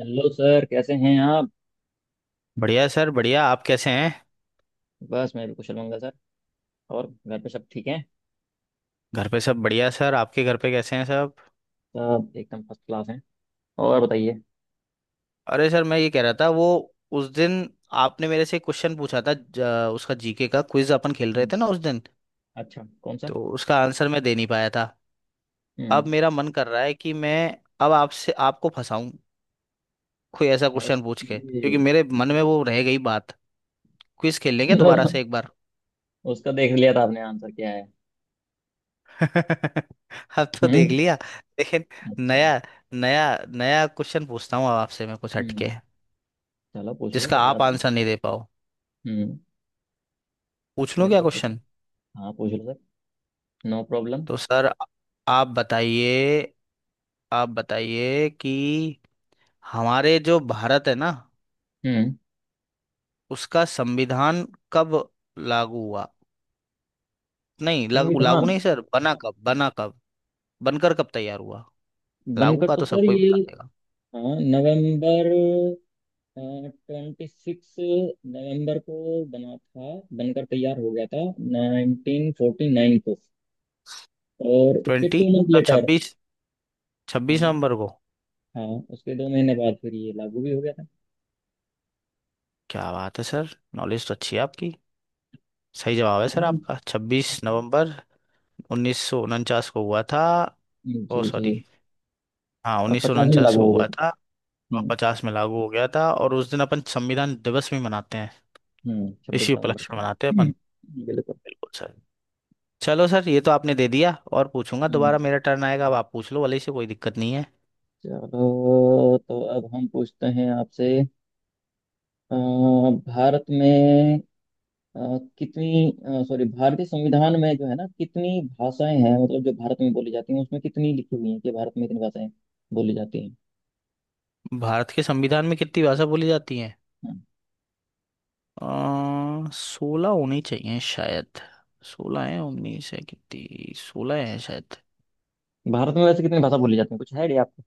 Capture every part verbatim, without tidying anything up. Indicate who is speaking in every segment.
Speaker 1: Hello sir, कैसे हैं आप?
Speaker 2: बढ़िया सर, बढ़िया। आप कैसे हैं?
Speaker 1: बस मैं भी कुशल मंगल सर। और घर पे सब ठीक है?
Speaker 2: घर पे सब बढ़िया सर। आपके घर पे कैसे हैं सब?
Speaker 1: सब एकदम फर्स्ट क्लास हैं। और बताइए।
Speaker 2: अरे सर, मैं ये कह रहा था वो उस दिन आपने मेरे से क्वेश्चन पूछा था ज- उसका जीके का क्विज अपन खेल रहे
Speaker 1: हम्म,
Speaker 2: थे ना उस दिन।
Speaker 1: अच्छा कौन सा?
Speaker 2: तो उसका आंसर मैं दे नहीं पाया था। अब
Speaker 1: हम्म।
Speaker 2: मेरा मन कर रहा है कि मैं अब आपसे आपको फंसाऊं कोई ऐसा क्वेश्चन पूछ के,
Speaker 1: ओके।
Speaker 2: क्योंकि मेरे मन में वो रह गई बात। क्विज खेल लेंगे
Speaker 1: तो
Speaker 2: दोबारा से एक बार।
Speaker 1: उसका देख लिया था आपने आंसर क्या है?
Speaker 2: अब तो देख
Speaker 1: हम्म।
Speaker 2: लिया। लेकिन
Speaker 1: अच्छा।
Speaker 2: नया नया नया क्वेश्चन पूछता हूँ अब आपसे मैं कुछ
Speaker 1: हम्म।
Speaker 2: हटके,
Speaker 1: चलो पूछ लो,
Speaker 2: जिसका
Speaker 1: कोई
Speaker 2: आप
Speaker 1: बात नहीं।
Speaker 2: आंसर नहीं दे पाओ।
Speaker 1: हम्म।
Speaker 2: पूछ लूं क्या
Speaker 1: बिल्कुल पूछो।
Speaker 2: क्वेश्चन?
Speaker 1: हाँ, पूछ लो सर। No problem.
Speaker 2: तो सर आ- आप बताइए आप बताइए कि हमारे जो भारत है ना,
Speaker 1: हम्म।
Speaker 2: उसका संविधान कब लागू हुआ? नहीं, लागू लागू
Speaker 1: संविधान।
Speaker 2: नहीं सर, बना कब, बना कब, बनकर कब तैयार हुआ? लागू
Speaker 1: बनकर
Speaker 2: का
Speaker 1: तो
Speaker 2: तो
Speaker 1: सर
Speaker 2: सबको ही
Speaker 1: ये।
Speaker 2: बता देगा।
Speaker 1: हाँ, नवंबर ट्वेंटी सिक्स नवंबर को बना था, बनकर तैयार हो गया था, नाइनटीन फोर्टी नाइन को। और उसके
Speaker 2: ट्वेंटी
Speaker 1: टू मंथ
Speaker 2: मतलब
Speaker 1: लेटर।
Speaker 2: छब्बीस, छब्बीस
Speaker 1: हाँ।
Speaker 2: नवंबर को।
Speaker 1: हाँ। उसके दो महीने बाद फिर ये लागू भी हो गया था।
Speaker 2: क्या बात है सर, नॉलेज तो अच्छी है आपकी। सही जवाब है सर
Speaker 1: हाँ।
Speaker 2: आपका, छब्बीस नवंबर उन्नीस सौ उनचास को हुआ था। ओ
Speaker 1: जी
Speaker 2: सॉरी,
Speaker 1: जी।
Speaker 2: हाँ
Speaker 1: और
Speaker 2: उन्नीस सौ
Speaker 1: पचास में
Speaker 2: उनचास
Speaker 1: लागू
Speaker 2: को
Speaker 1: हो गया
Speaker 2: हुआ
Speaker 1: था।
Speaker 2: था। और
Speaker 1: हम्म।
Speaker 2: पचास में लागू हो गया था, और उस दिन अपन संविधान दिवस भी मनाते हैं।
Speaker 1: हम्म, छब्बीस
Speaker 2: इसी
Speaker 1: नवंबर
Speaker 2: उपलक्ष्य
Speaker 1: को
Speaker 2: में
Speaker 1: ना।
Speaker 2: मनाते हैं अपन।
Speaker 1: हम्म, बिल्कुल।
Speaker 2: बिल्कुल सर। चलो सर, ये तो आपने दे दिया। और पूछूंगा
Speaker 1: हम्म,
Speaker 2: दोबारा, मेरा टर्न आएगा। अब आप पूछ लो वाले से कोई दिक्कत नहीं है।
Speaker 1: चलो तो अब हम पूछते हैं आपसे। अ, भारत में अ, कितनी, सॉरी, भारतीय संविधान में जो है ना, कितनी भाषाएं हैं, मतलब जो भारत में बोली जाती हैं उसमें कितनी लिखी हुई हैं कि भारत में इतनी भाषाएं बोली जाती हैं।
Speaker 2: भारत के संविधान में कितनी भाषा बोली जाती है?
Speaker 1: हाँ।
Speaker 2: सोलह होनी चाहिए शायद। सोलह है, उन्नीस है, कितनी? सोलह है शायद।
Speaker 1: भारत में वैसे कितनी भाषा बोली जाती है, कुछ है आइडिया आपको?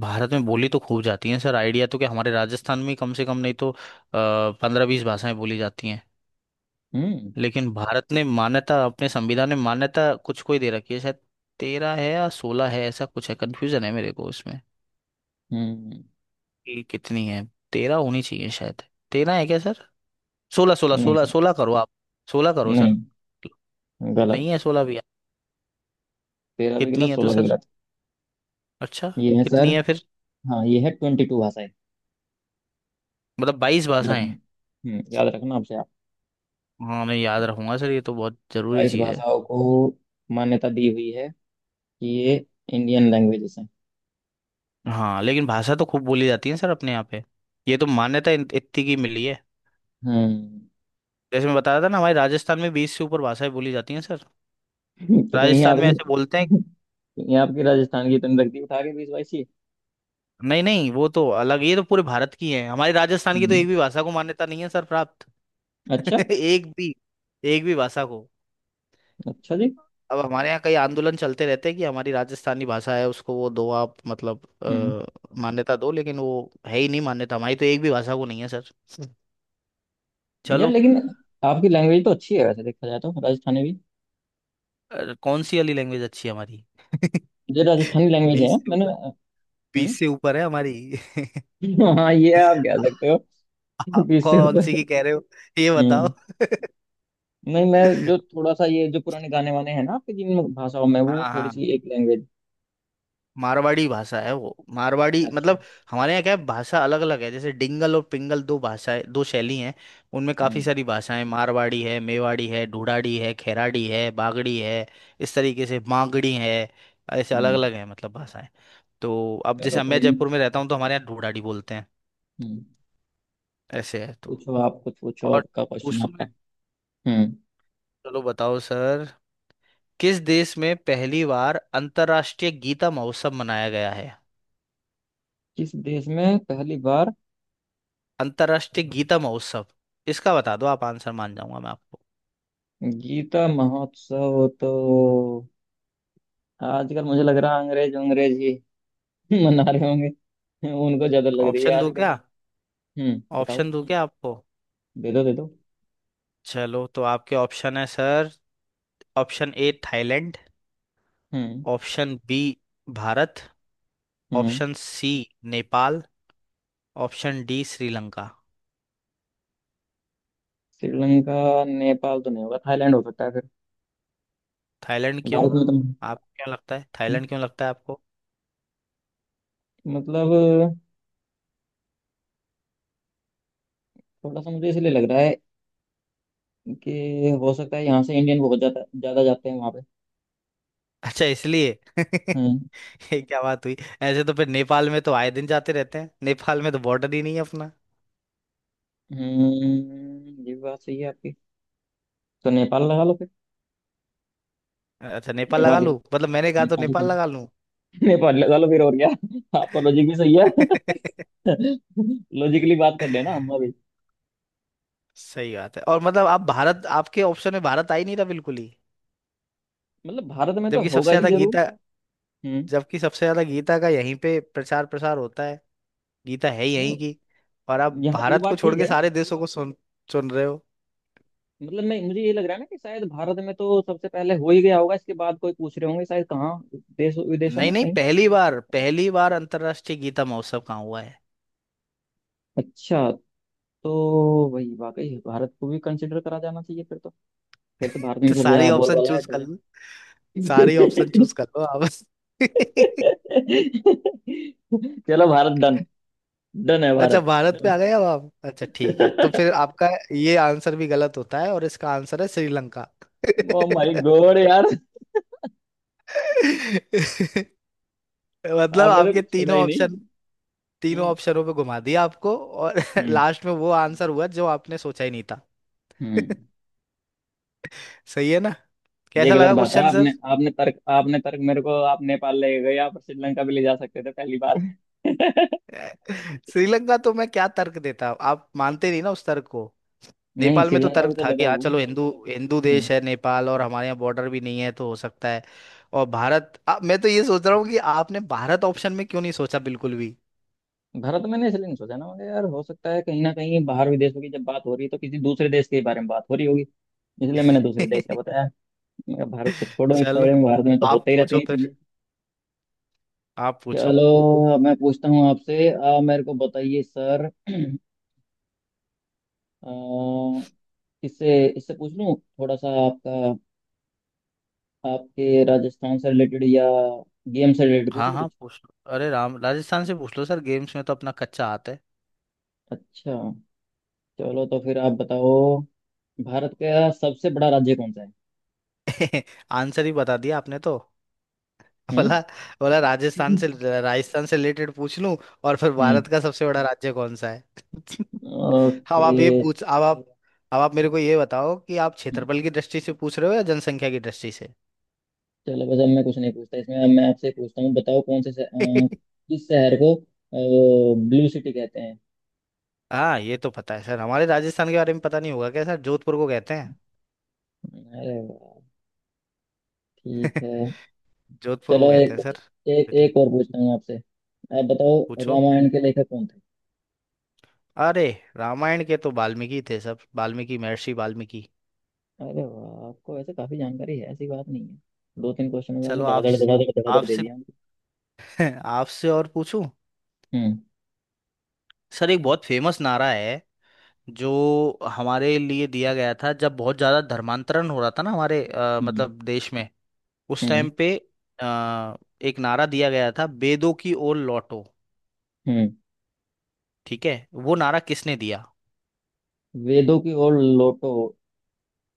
Speaker 2: भारत में बोली तो खूब जाती है सर, आइडिया तो क्या, हमारे राजस्थान में कम से कम नहीं तो पंद्रह बीस भाषाएं बोली जाती हैं।
Speaker 1: हम्म।
Speaker 2: लेकिन भारत ने मान्यता, अपने संविधान में मान्यता कुछ को ही दे रखी है शायद। तेरह है या सोलह है, ऐसा कुछ है, कंफ्यूजन है मेरे को इसमें
Speaker 1: हम्म।
Speaker 2: कि कितनी है। तेरह होनी चाहिए शायद। तेरह है क्या सर? सोलह, सोलह,
Speaker 1: नहीं
Speaker 2: सोलह,
Speaker 1: सर।
Speaker 2: सोलह करो आप। सोलह करो
Speaker 1: नहीं।
Speaker 2: सर। नहीं
Speaker 1: गलत।
Speaker 2: है? सोलह भी है?
Speaker 1: तेरह भी
Speaker 2: कितनी
Speaker 1: गलत,
Speaker 2: है तो
Speaker 1: सोलह भी
Speaker 2: सर?
Speaker 1: गलत।
Speaker 2: अच्छा,
Speaker 1: ये है सर।
Speaker 2: कितनी है फिर?
Speaker 1: हाँ, ये है ट्वेंटी टू भाषाएं।
Speaker 2: मतलब बाईस
Speaker 1: याद
Speaker 2: भाषाएं।
Speaker 1: रखना, हम्म, याद रखना आपसे आप।
Speaker 2: हाँ मैं याद रखूंगा सर, ये तो बहुत जरूरी
Speaker 1: बाईस
Speaker 2: चीज़ है।
Speaker 1: भाषाओं को मान्यता दी हुई है कि ये इंडियन लैंग्वेजेस हैं।
Speaker 2: हाँ लेकिन भाषा तो खूब बोली जाती है सर अपने यहाँ पे। ये तो मान्यता इन- इतनी की मिली है।
Speaker 1: हम्म।
Speaker 2: जैसे मैं बता रहा था ना, हमारे राजस्थान में बीस से ऊपर भाषाएं बोली जाती हैं सर।
Speaker 1: तो कहीं
Speaker 2: राजस्थान
Speaker 1: आप
Speaker 2: में ऐसे बोलते हैं।
Speaker 1: ये आपकी राजस्थान की तंदुरुस्ती रख दी उठा के बीस बाईस ही।
Speaker 2: नहीं नहीं, वो तो अलग, ये तो पूरे भारत की है। हमारी राजस्थान की तो
Speaker 1: हम्म।
Speaker 2: एक भी भाषा को मान्यता नहीं है सर, प्राप्त।
Speaker 1: अच्छा।
Speaker 2: एक भी, एक भी भाषा को।
Speaker 1: अच्छा जी।
Speaker 2: अब हमारे यहाँ कई आंदोलन चलते रहते हैं कि हमारी राजस्थानी भाषा है, उसको वो दो आप, मतलब
Speaker 1: हम्म।
Speaker 2: अ, मान्यता दो। लेकिन वो है ही नहीं, मान्यता हमारी तो एक भी भाषा को नहीं है सर।
Speaker 1: यार,
Speaker 2: चलो।
Speaker 1: लेकिन आपकी लैंग्वेज तो अच्छी है, वैसे देखा जाए तो राजस्थानी भी।
Speaker 2: अ, कौन सी वाली लैंग्वेज अच्छी है हमारी?
Speaker 1: जो राजस्थानी लैंग्वेज है
Speaker 2: बीस से
Speaker 1: मैंने।
Speaker 2: ऊपर,
Speaker 1: हम्म।
Speaker 2: बीस से ऊपर है हमारी।
Speaker 1: हाँ, ये आप कह सकते हो।
Speaker 2: आप
Speaker 1: बीस से
Speaker 2: कौन सी
Speaker 1: ऊपर।
Speaker 2: की कह रहे हो, ये बताओ?
Speaker 1: हम्म। नहीं, मैं जो थोड़ा सा ये जो पुराने गाने वाने हैं ना आपके, जिन भाषाओं में, वो
Speaker 2: हाँ
Speaker 1: थोड़ी
Speaker 2: हाँ,
Speaker 1: सी एक लैंग्वेज।
Speaker 2: मारवाड़ी भाषा है वो, मारवाड़ी
Speaker 1: अच्छा।
Speaker 2: मतलब। हमारे यहाँ क्या है, भाषा अलग अलग है, जैसे डिंगल और पिंगल, दो भाषाएं, दो शैली हैं। उनमें काफ़ी
Speaker 1: हम्म।
Speaker 2: सारी भाषाएं, मारवाड़ी है, मेवाड़ी है, ढूढ़ाड़ी है, खैराड़ी है, बागड़ी है, इस तरीके से मांगड़ी है। ऐसे अलग
Speaker 1: हम्म।
Speaker 2: अलग हैं मतलब भाषाएं। तो अब
Speaker 1: चलो,
Speaker 2: जैसे
Speaker 1: कोई
Speaker 2: मैं
Speaker 1: नहीं।
Speaker 2: जयपुर में रहता हूँ तो हमारे यहाँ ढूढ़ाड़ी बोलते हैं।
Speaker 1: हम्म।
Speaker 2: ऐसे है तो।
Speaker 1: पूछो आप, कुछ पूछो,
Speaker 2: और
Speaker 1: आपका क्वेश्चन
Speaker 2: पूछूं मैं?
Speaker 1: आपका। हम्म।
Speaker 2: चलो बताओ सर। किस देश में पहली बार अंतर्राष्ट्रीय गीता महोत्सव मनाया गया है?
Speaker 1: किस देश में पहली बार?
Speaker 2: अंतर्राष्ट्रीय गीता महोत्सव, इसका बता दो आप आंसर, मान जाऊंगा मैं आपको।
Speaker 1: गीता महोत्सव तो आजकल मुझे लग रहा है अंग्रेज अंग्रेज ही मना रहे होंगे। उनको ज्यादा लग रही है
Speaker 2: ऑप्शन दूं
Speaker 1: आजकल।
Speaker 2: क्या?
Speaker 1: हम्म, बताओ।
Speaker 2: ऑप्शन दूं क्या आपको?
Speaker 1: दे दो, दे दो।
Speaker 2: चलो तो आपके ऑप्शन है सर, ऑप्शन ए थाईलैंड,
Speaker 1: हम्म।
Speaker 2: ऑप्शन बी भारत,
Speaker 1: हम्म।
Speaker 2: Option C Nepal, option D Sri Lanka.
Speaker 1: Sri Lanka. Nepal तो नहीं होगा, थाईलैंड हो सकता है फिर।
Speaker 2: थाईलैंड क्यों?
Speaker 1: भारत में तो।
Speaker 2: आप, क्या लगता है
Speaker 1: हम्म,
Speaker 2: थाईलैंड क्यों लगता है आपको?
Speaker 1: मतलब, थोड़ा सा मुझे इसलिए लग रहा है कि हो सकता है यहाँ से इंडियन बहुत ज्यादा ज्यादा जाते हैं वहां पे।
Speaker 2: अच्छा, इसलिए।
Speaker 1: हम्म।
Speaker 2: ये क्या बात हुई? ऐसे तो फिर नेपाल में तो आए दिन जाते रहते हैं, नेपाल में तो बॉर्डर ही नहीं है अपना।
Speaker 1: हम्म, ये बात सही है आपकी। तो नेपाल लगा लो फिर।
Speaker 2: अच्छा, नेपाल लगा
Speaker 1: नेपाली,
Speaker 2: लूं? मतलब मैंने कहा तो
Speaker 1: नेपाली
Speaker 2: नेपाल लगा।
Speaker 1: नेपाल लगा लो फिर, और क्या आपका लॉजिक भी सही है। लॉजिकली बात कर लेना हम अभी।
Speaker 2: सही बात है। और मतलब आप, भारत, आपके ऑप्शन में भारत आ ही नहीं था बिल्कुल ही।
Speaker 1: मतलब भारत में तो
Speaker 2: जबकि सबसे
Speaker 1: होगा ही
Speaker 2: ज्यादा
Speaker 1: जरूर।
Speaker 2: गीता
Speaker 1: हम्म।
Speaker 2: जबकि सबसे ज्यादा गीता का यहीं पे प्रचार प्रसार होता है। गीता है ही
Speaker 1: नहीं,
Speaker 2: यहीं की। और आप
Speaker 1: यहाँ वो
Speaker 2: भारत
Speaker 1: बात
Speaker 2: को छोड़
Speaker 1: ठीक
Speaker 2: के
Speaker 1: है।
Speaker 2: सारे देशों को सुन सुन रहे हो?
Speaker 1: मतलब, मैं मुझे ये लग रहा है ना कि शायद भारत में तो सबसे पहले हो ही गया होगा, इसके बाद कोई पूछ रहे होंगे शायद कहाँ, देश विदेशों
Speaker 2: नहीं
Speaker 1: में
Speaker 2: नहीं,
Speaker 1: कहीं।
Speaker 2: पहली बार पहली बार अंतर्राष्ट्रीय गीता महोत्सव कहाँ हुआ है?
Speaker 1: अच्छा। तो वही, वाकई भारत को भी कंसिडर करा जाना चाहिए फिर तो। फिर तो भारत में
Speaker 2: तो
Speaker 1: सबसे
Speaker 2: सारी
Speaker 1: ज्यादा
Speaker 2: ऑप्शन
Speaker 1: बोलबाला है
Speaker 2: चूज कर
Speaker 1: तो।
Speaker 2: लो, सारी ऑप्शन चूज कर लो आप।
Speaker 1: चलो, भारत डन। डन है
Speaker 2: अच्छा,
Speaker 1: भारत।
Speaker 2: भारत पे आ गए अब आप। अच्छा ठीक है, तो फिर आपका ये आंसर भी गलत होता है, और इसका आंसर है श्रीलंका।
Speaker 1: ओ माय गॉड यार।
Speaker 2: मतलब
Speaker 1: आपने तो
Speaker 2: आपके
Speaker 1: कुछ छोड़ा
Speaker 2: तीनों
Speaker 1: ही नहीं।
Speaker 2: ऑप्शन तीनों ऑप्शनों पे घुमा दिया आपको, और
Speaker 1: हम्म।
Speaker 2: लास्ट में वो आंसर हुआ जो आपने सोचा ही नहीं था।
Speaker 1: हम्म।
Speaker 2: सही है ना?
Speaker 1: ये
Speaker 2: कैसा
Speaker 1: गलत
Speaker 2: लगा
Speaker 1: बात है।
Speaker 2: Question sir?
Speaker 1: आपने आपने तर्क आपने तर्क मेरे को, आप नेपाल ले गए, आप श्रीलंका भी ले जा सकते थे पहली बार में।
Speaker 2: श्रीलंका तो मैं क्या तर्क देता, आप मानते नहीं ना उस तर्क को।
Speaker 1: नहीं,
Speaker 2: नेपाल में तो
Speaker 1: श्रीलंका
Speaker 2: तर्क
Speaker 1: भी तो
Speaker 2: था
Speaker 1: लगा
Speaker 2: कि हाँ
Speaker 1: हुआ
Speaker 2: चलो,
Speaker 1: है।
Speaker 2: हिंदू हिंदू
Speaker 1: हम्म,
Speaker 2: देश है नेपाल, और हमारे यहाँ बॉर्डर भी नहीं है तो हो सकता है। और भारत, आ, मैं तो ये सोच रहा हूँ कि आपने भारत ऑप्शन में क्यों नहीं सोचा बिल्कुल भी।
Speaker 1: भारत में मैंने इसलिए नहीं सोचा ना, मगर यार हो सकता है कहीं ना कहीं, बाहर विदेशों की जब बात हो रही है तो किसी दूसरे देश के बारे में बात हो रही होगी। इसलिए मैंने दूसरे देश का बताया। मैं कहा, भारत को छोड़ो एक
Speaker 2: चलो।
Speaker 1: साइड में, भारत में तो
Speaker 2: आप
Speaker 1: होते ही रहते
Speaker 2: पूछो
Speaker 1: हैं ये चीजें।
Speaker 2: फिर, आप पूछो।
Speaker 1: चलो, अब मैं पूछता हूँ आपसे, आप मेरे को बताइए सर। अ, इससे इससे पूछ लूँ थोड़ा सा आपका। आपके राजस्थान से रिलेटेड या गेम से रिलेटेड पूछ
Speaker 2: हाँ
Speaker 1: लो
Speaker 2: हाँ
Speaker 1: कुछ।
Speaker 2: पूछ लो, अरे राम, राजस्थान से पूछ लो सर, गेम्स में तो अपना कच्चा हाथ है।
Speaker 1: अच्छा। चलो तो फिर आप बताओ, भारत का सबसे बड़ा राज्य कौन सा है?
Speaker 2: आंसर ही बता दिया आपने तो।
Speaker 1: हम्म।
Speaker 2: बोला, बोला राजस्थान से, राजस्थान से रिलेटेड पूछ लूं, और फिर
Speaker 1: हम्म।
Speaker 2: भारत का सबसे बड़ा राज्य कौन सा है? हाँ, अब
Speaker 1: ओके।
Speaker 2: आप ये तो पूछ अब आप अब आप मेरे को ये बताओ कि आप
Speaker 1: हम्म,
Speaker 2: क्षेत्रफल की दृष्टि से पूछ रहे हो या जनसंख्या की दृष्टि से?
Speaker 1: चलो, बस अब मैं कुछ नहीं पूछता इसमें, अब मैं आपसे पूछता हूँ, बताओ कौन से शह- अ, किस शहर को ब्लू सिटी कहते हैं?
Speaker 2: हाँ ये तो पता है सर, हमारे राजस्थान के बारे में पता नहीं होगा क्या सर, जोधपुर को कहते हैं।
Speaker 1: अरे वाह। ठीक है।
Speaker 2: जोधपुर
Speaker 1: चलो,
Speaker 2: को कहते
Speaker 1: एक
Speaker 2: हैं सर।
Speaker 1: एक
Speaker 2: बेटी।
Speaker 1: एक और पूछता हूँ आपसे। आप बताओ,
Speaker 2: पूछो।
Speaker 1: रामायण के लेखक कौन थे?
Speaker 2: अरे, रामायण के तो वाल्मीकि थे, सब वाल्मीकि, महर्षि वाल्मीकि।
Speaker 1: अरे वाह, आपको वैसे काफी जानकारी है, ऐसी बात नहीं है। दो तीन क्वेश्चन में आपने
Speaker 2: चलो आप,
Speaker 1: धड़ाधड़ धड़ाधड़ धड़ाधड़ दे
Speaker 2: आपसे
Speaker 1: दिया हमको।
Speaker 2: आपसे और पूछूं?
Speaker 1: हम्म।
Speaker 2: सर एक बहुत फेमस नारा है जो हमारे लिए दिया गया था, जब बहुत ज्यादा धर्मांतरण हो रहा था ना हमारे, अ,
Speaker 1: हम्म।
Speaker 2: मतलब देश में, उस
Speaker 1: हम्म।
Speaker 2: टाइम पे। आ, एक नारा दिया गया था, बेदों की ओर लौटो,
Speaker 1: हम्म।
Speaker 2: ठीक है? वो नारा किसने दिया?
Speaker 1: वेदों की ओर लौटो।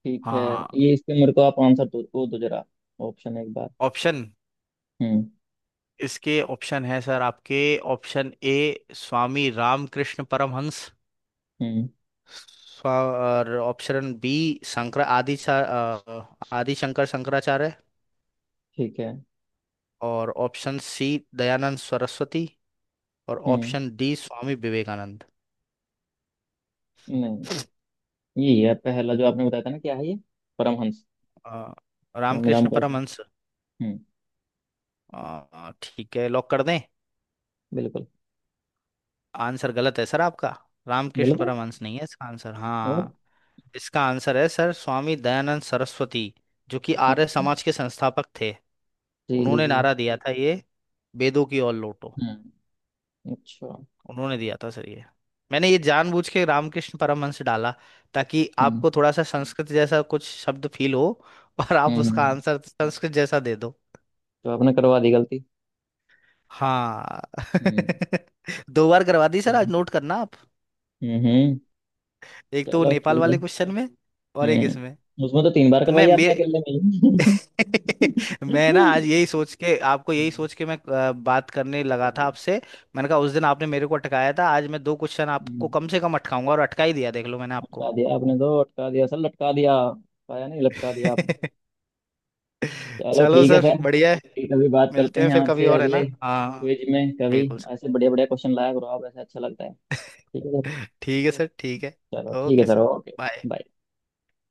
Speaker 1: ठीक है।
Speaker 2: हाँ
Speaker 1: ये, इसके मेरे को आप आंसर दो, वो दो जरा। ऑप्शन एक बार।
Speaker 2: ऑप्शन?
Speaker 1: हम्म।
Speaker 2: इसके ऑप्शन है सर आपके, ऑप्शन ए स्वामी रामकृष्ण परमहंस,
Speaker 1: हम्म।
Speaker 2: स्वा- और ऑप्शन बी शंकर आदि सा- अ, आदि शंकर, शंकराचार्य।
Speaker 1: ठीक है।
Speaker 2: और ऑप्शन सी दयानंद सरस्वती। और
Speaker 1: हम्म।
Speaker 2: Option D Swami Vivekananda.
Speaker 1: नहीं। ये है पहला जो आपने बताया था ना, क्या है ये? परमहंस।
Speaker 2: अ,
Speaker 1: स्वामी
Speaker 2: रामकृष्ण
Speaker 1: रामकृष्ण।
Speaker 2: परमहंस।
Speaker 1: हम्म।
Speaker 2: अ, ठीक है, लॉक कर दें?
Speaker 1: बिल्कुल।
Speaker 2: आंसर गलत है सर आपका। रामकृष्ण
Speaker 1: गलत है।
Speaker 2: परमहंस नहीं है इसका आंसर।
Speaker 1: और।
Speaker 2: हाँ, इसका आंसर है सर स्वामी दयानंद सरस्वती, जो कि आर्य
Speaker 1: अच्छा।
Speaker 2: समाज के संस्थापक थे।
Speaker 1: जी जी
Speaker 2: उन्होंने
Speaker 1: जी।
Speaker 2: नारा दिया था ये, वेदों की ओर लौटो।
Speaker 1: हम्म। अच्छा।
Speaker 2: उन्होंने दिया था सर ये। मैंने ये जानबूझ के रामकृष्ण परमहंस डाला, ताकि
Speaker 1: हम्म।
Speaker 2: आपको थोड़ा सा संस्कृत जैसा कुछ शब्द फील हो और आप
Speaker 1: हम्म।
Speaker 2: उसका
Speaker 1: हम्म।
Speaker 2: आंसर संस्कृत जैसा दे दो।
Speaker 1: तो आपने करवा दी गलती।
Speaker 2: हाँ।
Speaker 1: हम्म।
Speaker 2: दो बार करवा दी सर,
Speaker 1: चलो।
Speaker 2: आज नोट करना आप।
Speaker 1: हम्म। हम्म।
Speaker 2: एक तो वो
Speaker 1: चलो
Speaker 2: नेपाल
Speaker 1: ठीक है।
Speaker 2: वाले क्वेश्चन में, और एक इसमें।
Speaker 1: हम्म, उसमें तो तीन बार
Speaker 2: तो मैं
Speaker 1: करवाई आपने
Speaker 2: मेरे
Speaker 1: अकेले में ही।
Speaker 2: मैं ना, आज यही सोच के आपको यही
Speaker 1: हम्म,
Speaker 2: सोच के मैं अ, बात करने लगा था
Speaker 1: चलो।
Speaker 2: आपसे। मैंने कहा, उस दिन आपने मेरे को अटकाया था, आज मैं दो क्वेश्चन आपको
Speaker 1: हम्म,
Speaker 2: कम से कम अटकाऊंगा, और अटका ही दिया, देख लो मैंने आपको।
Speaker 1: अटका दिया आपने, तो अटका दिया सर, लटका दिया, अटकाया नहीं, लटका दिया आपने। चलो
Speaker 2: चलो
Speaker 1: ठीक है
Speaker 2: सर,
Speaker 1: सर।
Speaker 2: बढ़िया है।
Speaker 1: ठीक है, अभी बात करते
Speaker 2: मिलते हैं
Speaker 1: हैं
Speaker 2: फिर कभी
Speaker 1: आपसे
Speaker 2: और, है
Speaker 1: अगले
Speaker 2: ना? हाँ
Speaker 1: क्विज में कभी।
Speaker 2: बिल्कुल सर।
Speaker 1: ऐसे बढ़िया बढ़िया क्वेश्चन लाया करो आप, ऐसे अच्छा लगता है। ठीक है।
Speaker 2: ठीक है सर, ठीक है।
Speaker 1: सर, चलो ठीक है
Speaker 2: okay
Speaker 1: sir,
Speaker 2: sir.
Speaker 1: Okay.
Speaker 2: Bye.
Speaker 1: Bye.